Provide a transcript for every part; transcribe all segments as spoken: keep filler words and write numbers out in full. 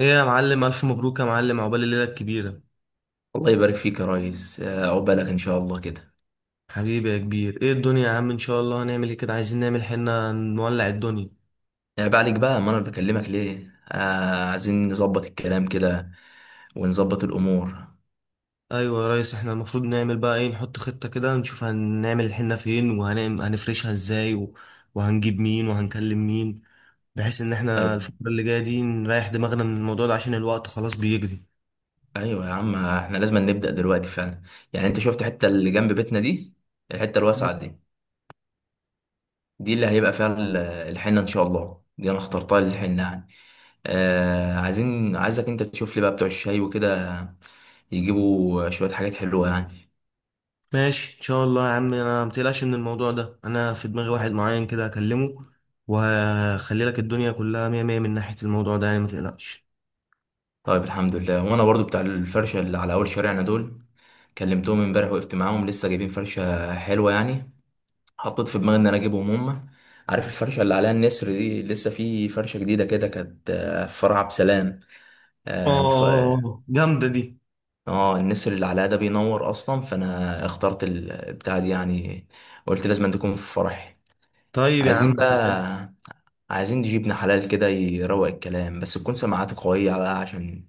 ايه يا معلم، الف مبروك يا معلم، عقبال الليله الكبيره. الله يبارك فيك يا ريس، آه، عقبالك ان شاء الله كده. حبيبي يا كبير، ايه الدنيا يا عم؟ ان شاء الله هنعمل ايه كده؟ عايزين نعمل حنه، نولع الدنيا. آه، بعدك بقى، ما انا بكلمك ليه. آه، عايزين نظبط الكلام كده ونظبط الامور. ايوه يا ريس، احنا المفروض نعمل بقى ايه، نحط خطه كده نشوف هنعمل الحنه فين وهنفرشها ازاي و... وهنجيب مين وهنكلم مين، بحيث ان احنا ايوه، الفتره اللي جايه دي نريح دماغنا من الموضوع ده عشان الوقت خلاص بيجري. ايوه يا عم، احنا لازم نبدا دلوقتي فعلا. يعني انت شفت الحته اللي جنب بيتنا دي؟ الحته الواسعه دي، دي اللي هيبقى فيها ال- الحنه ان شاء الله. دي انا اخترتها للحنه يعني. آه، عايزين عايزك انت تشوف لي بقى بتوع الشاي وكده، يجيبوا شويه حاجات حلوه يعني. ماشي ان شاء الله يا عم، انا متقلقش من الموضوع ده، انا في دماغي واحد معين كده هكلمه وهخلي لك الدنيا كلها مية مية من ناحية الموضوع ده يعني، متقلقش. طيب، الحمد لله. وانا برضو بتاع الفرشه اللي على اول شارعنا دول، كلمتهم امبارح، وقفت معاهم، لسه جايبين فرشه حلوه يعني. حطيت في دماغي ان انا اجيبهم هم. عارف الفرشه اللي عليها النسر دي؟ لسه في فرشه جديده كده، كانت آه، في فرع بسلام. اه الف- اه، جامدة دي. آه، النسر اللي عليها ده بينور اصلا، فانا اخترت البتاع دي يعني. قلت لازم تكون في فرحي. طيب يا عايزين عم. بقى، عايزين نجيب ابن حلال كده يروق الكلام، بس تكون سماعاته قويه بقى، عشان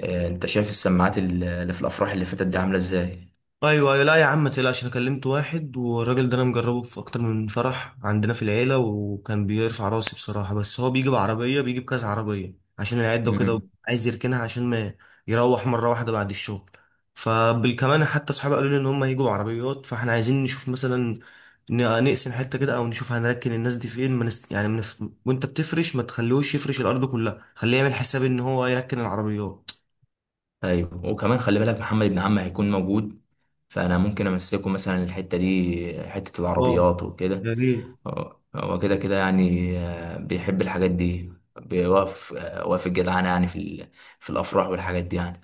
آه، انت شايف السماعات اللي في الافراح اللي فاتت دي عامله ازاي. ايوه ايوه، لا يا عم ما تقلقش، انا كلمت واحد والراجل ده انا مجربه في اكتر من فرح عندنا في العيلة، وكان بيرفع راسي بصراحة، بس هو بيجي بعربية، بيجي بكذا عربية عشان العدة وكده، امم. عايز يركنها عشان ما يروح مرة واحدة بعد الشغل، فبالكمان حتى صحابي قالوا لي ان هم هيجوا بعربيات، فاحنا عايزين نشوف مثلا ن- نقسم حتة كده او نشوف هنركن الناس دي فين، ما نست... يعني من... وانت بتفرش ما تخليهوش يفرش الارض كلها، خليه يعمل حساب ان هو يركن العربيات. ايوه، وكمان خلي بالك محمد ابن عمي هيكون موجود، فانا ممكن امسكه مثلا الحته دي، حته اه، العربيات وكده. يا ريت. هو هو كده كده يعني، آه، بيحب الحاجات دي، بيوقف، آه، واقف الجدعانه يعني في ال- في الافراح والحاجات دي يعني.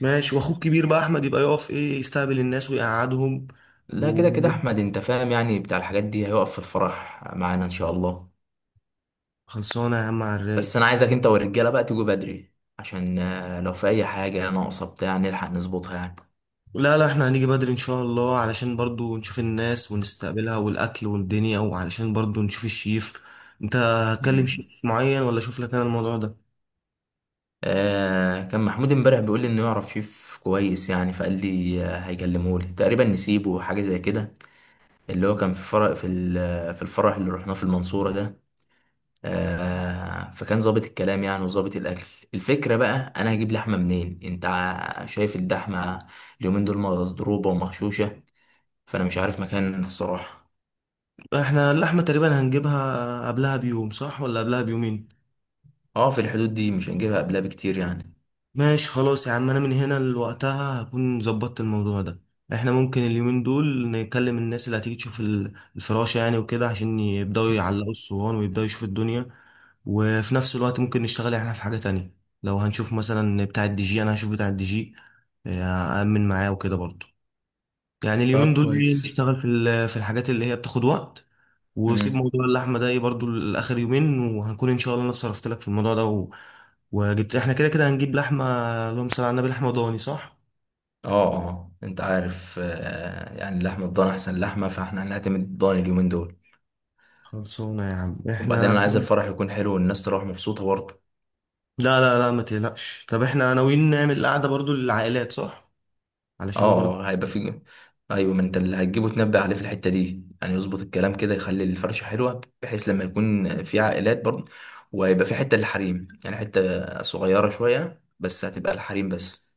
ماشي، واخوك كبير بقى احمد يبقى يقف ايه، يستقبل الناس ويقعدهم. لا، كده كده وخلصانه احمد انت فاهم يعني، بتاع الحاجات دي، هيقف في الفرح معانا ان شاء الله. يا عم على الرايق. بس انا عايزك انت والرجاله بقى تيجوا بدري، عشان آه، لو في اي حاجه ناقصه بتاع، نلحق نظبطها يعني. لا لا، احنا هنيجي بدري ان شاء الله علشان برضو نشوف الناس ونستقبلها والاكل والدنيا، وعلشان برضو نشوف الشيف. انت هتكلم مم. شيف معين ولا اشوف لك انا الموضوع ده؟ آه، كان محمود امبارح بيقول لي انه يعرف شيف كويس يعني، فقال لي آه، هيكلمه لي تقريبا، نسيبه حاجه زي كده، اللي هو كان في فرق في ال- في الفرح اللي رحناه في المنصوره ده. آه، فكان ظابط الكلام يعني وظابط الاكل. الفكره بقى، انا هجيب لحمه منين؟ انت ع- شايف اللحمه اليومين دول مضروبه ومغشوشه، فانا مش عارف مكان الصراحه. احنا اللحمه تقريبا هنجيبها قبلها بيوم، صح ولا قبلها بيومين؟ اه، في الحدود دي، مش هنجيبها قبلها بكتير يعني. ماشي خلاص يا عم، انا من هنا لوقتها هكون ظبطت الموضوع ده. احنا ممكن اليومين دول نكلم الناس اللي هتيجي تشوف ال- الفراشة يعني وكده، عشان يبدأوا يعلقوا الصوان ويبدأوا يشوفوا الدنيا، وفي نفس الوقت ممكن نشتغل احنا في حاجة تانية. لو هنشوف مثلا بتاع الدي جي، انا هشوف بتاع الدي جي، آه، أأمن معاه وكده برضه. يعني طب اليومين دول ايه، كويس. نشتغل في ال- في الحاجات اللي هي بتاخد وقت. وسيب موضوع اللحمه ده ايه برضو لاخر يومين، وهنكون ان شاء الله انا اتصرفت لك في الموضوع ده و... وجبت، احنا كده كده هنجيب لحمه. اللهم صل على النبي، لحمه ضاني صح؟ اه، اه، انت عارف آه، يعني لحمة الضان احسن لحمة، فاحنا هنعتمد الضان اليومين دول. خلصونا يا عم وبعدين احنا. انا عايز الفرح يكون حلو والناس تروح مبسوطة برضه. لا لا لا، ما تقلقش. طب احنا ناويين نعمل قعده برضو للعائلات، صح؟ علشان برضو. اه، اه، هيبقى في. ايوه، ما انت اللي هتجيبه تنبه عليه في الحتة دي يعني، يظبط الكلام كده، يخلي الفرشة حلوة بحيث لما يكون في عائلات برضه. وهيبقى في حتة للحريم يعني، حتة صغيرة شوية، بس هتبقى الحريم بس.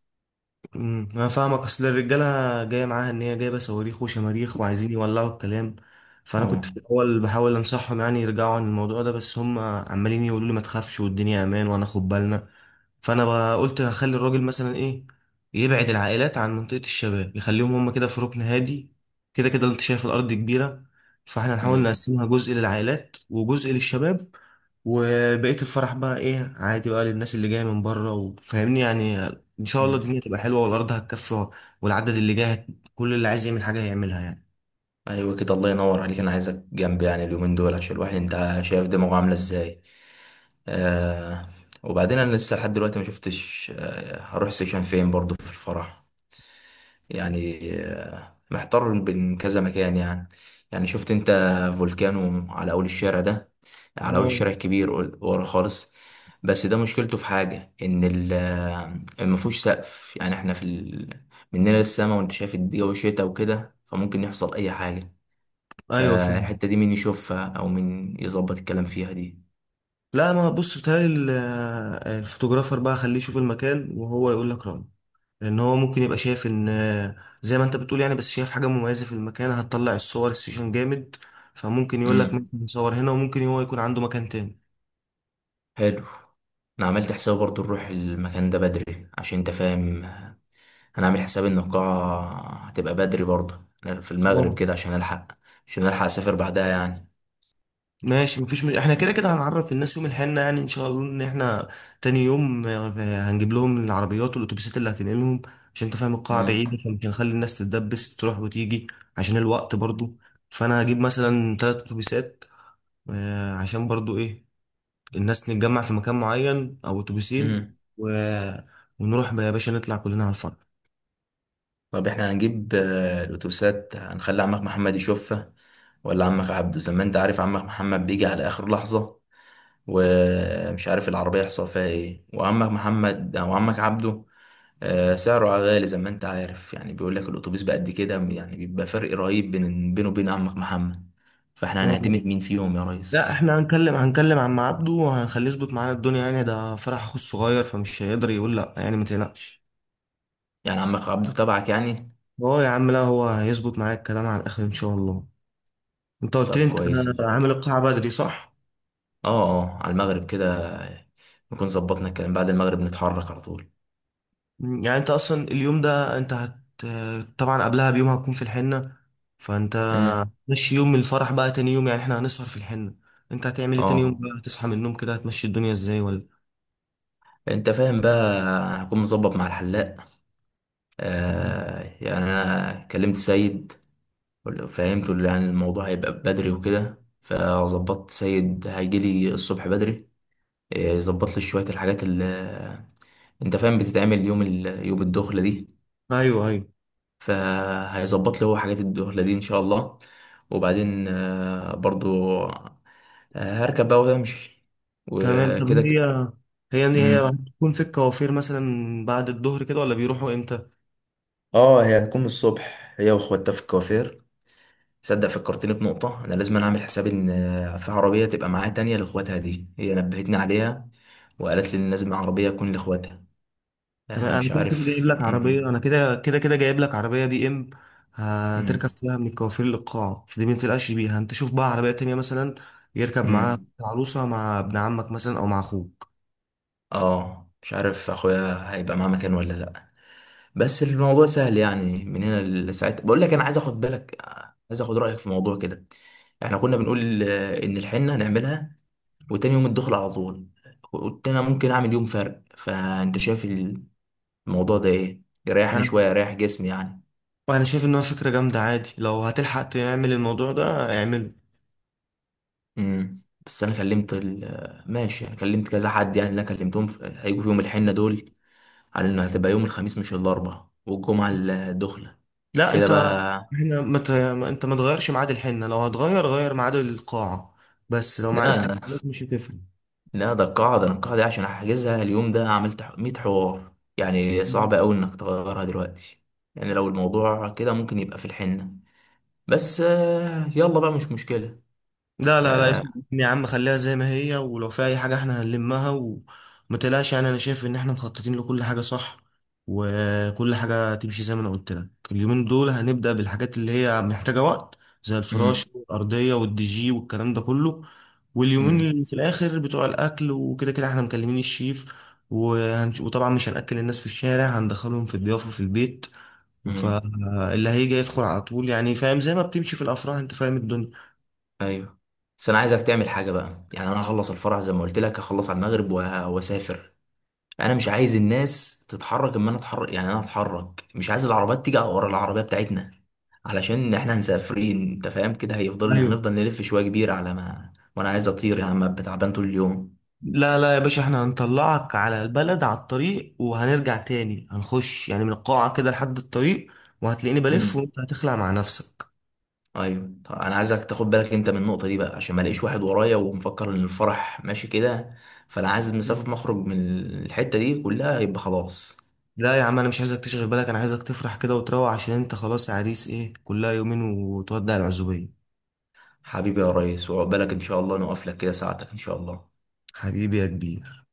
امم انا فاهمك، اصل الرجاله جايه معاها ان هي جايبه صواريخ وشماريخ وعايزين يولعوا الكلام، فانا كنت اه. في الاول بحاول انصحهم يعني يرجعوا عن الموضوع ده، بس هم عمالين يقولوا لي ما تخافش والدنيا امان وهناخد بالنا. فانا بقى قلت هخلي الراجل مثلا ايه، يبعد العائلات عن منطقه الشباب، يخليهم هم كده في ركن هادي، كده كده انت شايف الارض كبيره، فاحنا نحاول امم. نقسمها جزء للعائلات وجزء للشباب، وبقية الفرح بقى ايه عادي بقى للناس اللي جاية من بره، وفاهمني يعني. ان شاء الله امم. الدنيا تبقى حلوة والارض هتكفي والعدد اللي جاي هت- كل اللي عايز يعمل حاجة هيعملها يعني. ايوه كده، الله ينور عليك. انا عايزك جنبي يعني اليومين دول، عشان الواحد انت شايف دماغه عاملة ازاي. آه. وبعدين انا لسه لحد دلوقتي ما شفتش، آه، هروح سيشن فين برضو في الفرح، يعني آه، محتار بين كذا مكان يعني. يعني شفت انت فولكانو على اول الشارع ده، على اول اه. الشارع الكبير، قل- ورا خالص. بس ده مشكلته في حاجة، ان ال ما فيهوش سقف يعني، احنا في ال... مننا للسما، وانت شايف الجو شتا وكده، فممكن يحصل اي حاجة. ايوه، فاهم. فالحتة دي مين يشوفها او مين يظبط الكلام فيها دي؟ لا، ما بص، بتهيألي ال- الفوتوغرافر بقى خليه يشوف المكان وهو يقول لك رأيه، لان هو ممكن يبقى شايف ان زي ما انت بتقول يعني، بس شايف حاجة مميزة في المكان هتطلع الصور السيشن جامد، فممكن يقول لك مثلا مم. نصور هنا، وممكن هو يكون عنده مكان حلو. انا عملت حساب برضو نروح المكان ده بدري، عشان انت فاهم، انا عامل حساب ان القاعة هتبقى بدري برضو. أنا في المغرب تاني. كده عشان الحق، عشان الحق اسافر بعدها يعني. ماشي، مفيش مش... احنا كده كده هنعرف الناس يوم الحنة يعني ان شاء الله ان احنا تاني يوم آه، هنجيب لهم العربيات والاتوبيسات اللي هتنقلهم عشان انت فاهم القاعة امم. بعيدة، فمش هنخلي الناس تتدبس تروح وتيجي، عشان الوقت برضو. فانا هجيب مثلا تلات اتوبيسات، آه، عشان برضو ايه الناس نتجمع في مكان معين او اتوبيسين امم و... ونروح بقى يا باشا نطلع كلنا على الفرح. طب احنا هنجيب آه، الاتوبيسات، هنخلي عمك محمد يشوفها ولا عمك عبده؟ زي ما انت عارف، عمك محمد بيجي على اخر لحظة، ومش عارف العربية يحصل فيها ايه. وعمك محمد او عمك عبده آه، سعره غالي زي ما انت عارف يعني، بيقول لك الاتوبيس بقد كده يعني، بيبقى فرق رهيب بين، بينه وبين عمك محمد. فاحنا آه. هنعتمد مين فيهم يا لا، ريس؟ احنا هنكلم هنكلم عم عبده وهنخليه يظبط معانا الدنيا، يعني ده فرح اخو الصغير فمش هيقدر يقول لا يعني، ما تقلقش. يعني عمك عبده تبعك يعني. هو يا عم، لا هو هيظبط معاك الكلام على الاخر ان شاء الله. انت قلت لي طب انت كويس ان شاء عامل الله. القاعة بدري، صح؟ اه، اه، على المغرب كده نكون ظبطنا الكلام، بعد المغرب نتحرك على طول. مم، يعني انت اصلا اليوم ده انت هت طبعا قبلها بيوم هتكون في الحنة، فانت امم. مشي يوم الفرح بقى تاني يوم، يعني احنا هنسهر في الحنة، انت هتعمل ايه تاني يوم اه، بقى؟ هتصحى من النوم كده هتمشي الدنيا ازاي؟ ولا انت فاهم بقى، هكون مظبط مع الحلاق. مم. آه، يعني انا كلمت سيد، فهمته اللي يعني الموضوع هيبقى بدري وكده، فظبطت سيد هيجيلي الصبح بدري، ظبط لي شويه الحاجات اللي، انت فاهم، بتتعمل يوم ال... يوم الدخله دي. ايوه ايوه. فهيظبط لي هو حاجات الدخله دي ان شاء الله. وبعدين آه، برضو آه، هركب بقى وامشي، تمام، طب وكده هي، كده. هي هي مم. هتكون في الكوافير مثلا بعد الظهر كده ولا بيروحوا امتى؟ اه هي هتكون من الصبح هي واخواتها في الكوافير. صدق، فكرتني بنقطة. أنا لازم أنا أعمل حساب إن آه، في عربية تبقى معايا تانية لإخواتها دي، هي نبهتني عليها، وقالت لي إن لازم عربية تكون لإخواتها. تمام، آه، انا مش كده كده جايب عارف. لك عربيه، مم. انا كده كده كده جايب لك عربيه بي ام هتركب مم. فيها من الكوافير للقاع، فدي ما تقلقش بيها، انت شوف بقى عربيه تانية مثلا يركب معاها مم. عروسه مع ابن عمك مثلا او مع اخوك. اه، مش عارف اخويا هيبقى معاه مكان ولا لا. بس الموضوع سهل يعني، من هنا لساعتها. بقول لك انا عايز اخد بالك، عايز اخد رايك في موضوع كده. احنا كنا بنقول آه، ان الحنه هنعملها، وتاني يوم الدخل على طول. قلت انا ممكن اعمل يوم فرق، فانت شايف الموضوع ده ايه؟ يريحني شويه، انا يريح جسمي يعني. أنا شايف انها فكره جامده، عادي لو هتلحق تعمل الموضوع ده اعمله. امم. بس انا كلمت ال- ماشي، انا كلمت كذا حد يعني، اللي انا كلمتهم في- هيجوا في يوم الحنه دول، على انه هتبقى يوم الخميس، مش الاربعاء والجمعه الدخله، لا كده انت، بقى. احنا ما ت... ما- انت ما تغيرش ميعاد الحنه، لو هتغير غير ميعاد القاعه، بس لو ما عرفتش لا، مش هتفرق. لا، ده القاعدة، أنا القاعدة دي عشان أحجزها اليوم ده عملت ح- مية حوار يعني، صعب أوي إنك تغيرها دلوقتي. يعني لو الموضوع كده، ممكن يبقى في الحنة. بس آه، يلا بقى، مش مشكلة. لا لا لا، آه. اسمع مني يا عم، خليها زي ما هي، ولو في اي حاجه احنا هنلمها وما تقلقش يعني، انا شايف ان احنا مخططين لكل حاجه، صح؟ وكل حاجه تمشي زي ما انا قلت لك. اليومين دول هنبدا بالحاجات اللي هي محتاجه وقت، زي مم. الفراش والارضيه والدي جي والكلام ده كله، واليومين مم. اللي في الاخر بتوع الاكل وكده كده احنا مكلمين الشيف، وهنش... وطبعا مش هنأكل الناس في الشارع، هندخلهم في الضيافه في البيت، مم. فاللي هيجي يدخل على طول يعني، فاهم زي ما بتمشي في الافراح، انت فاهم الدنيا. أيوه. بس أنا عايزك تعمل حاجة بقى يعني، أنا هخلص الفرح زي ما قلت لك، هخلص على المغرب وه- وأسافر. انا مش عايز الناس تتحرك اما انا اتحرك، يعني انا اتحرك، مش عايز العربيات تيجي ورا العربيه بتاعتنا، علشان احنا هنسافرين انت فاهم كده، هيفضل، ايوه. هنفضل نلف شويه كبيره، على ما، وانا عايز اطير يا عم، أبقى تعبان طول اليوم. لا لا يا باشا، احنا هنطلعك على البلد على الطريق وهنرجع تاني هنخش يعني من القاعة كده لحد الطريق، وهتلاقيني بلف امم. وانت هتخلع مع نفسك. ايوه. طب انا عايزك تاخد بالك انت من النقطه دي بقى، عشان ما الاقيش واحد ورايا ومفكر ان الفرح ماشي كده. فانا عايز مسافه، مخرج من الحته دي كلها، يبقى خلاص. لا يا عم، انا مش عايزك تشغل بالك، انا عايزك تفرح كده وتروح، عشان انت خلاص يا عريس ايه، كلها يومين وتودع العزوبية. حبيبي يا ريس، وعقبالك ان شاء الله، نوقف لك كده ساعتك ان شاء الله. حبيبي يا كبير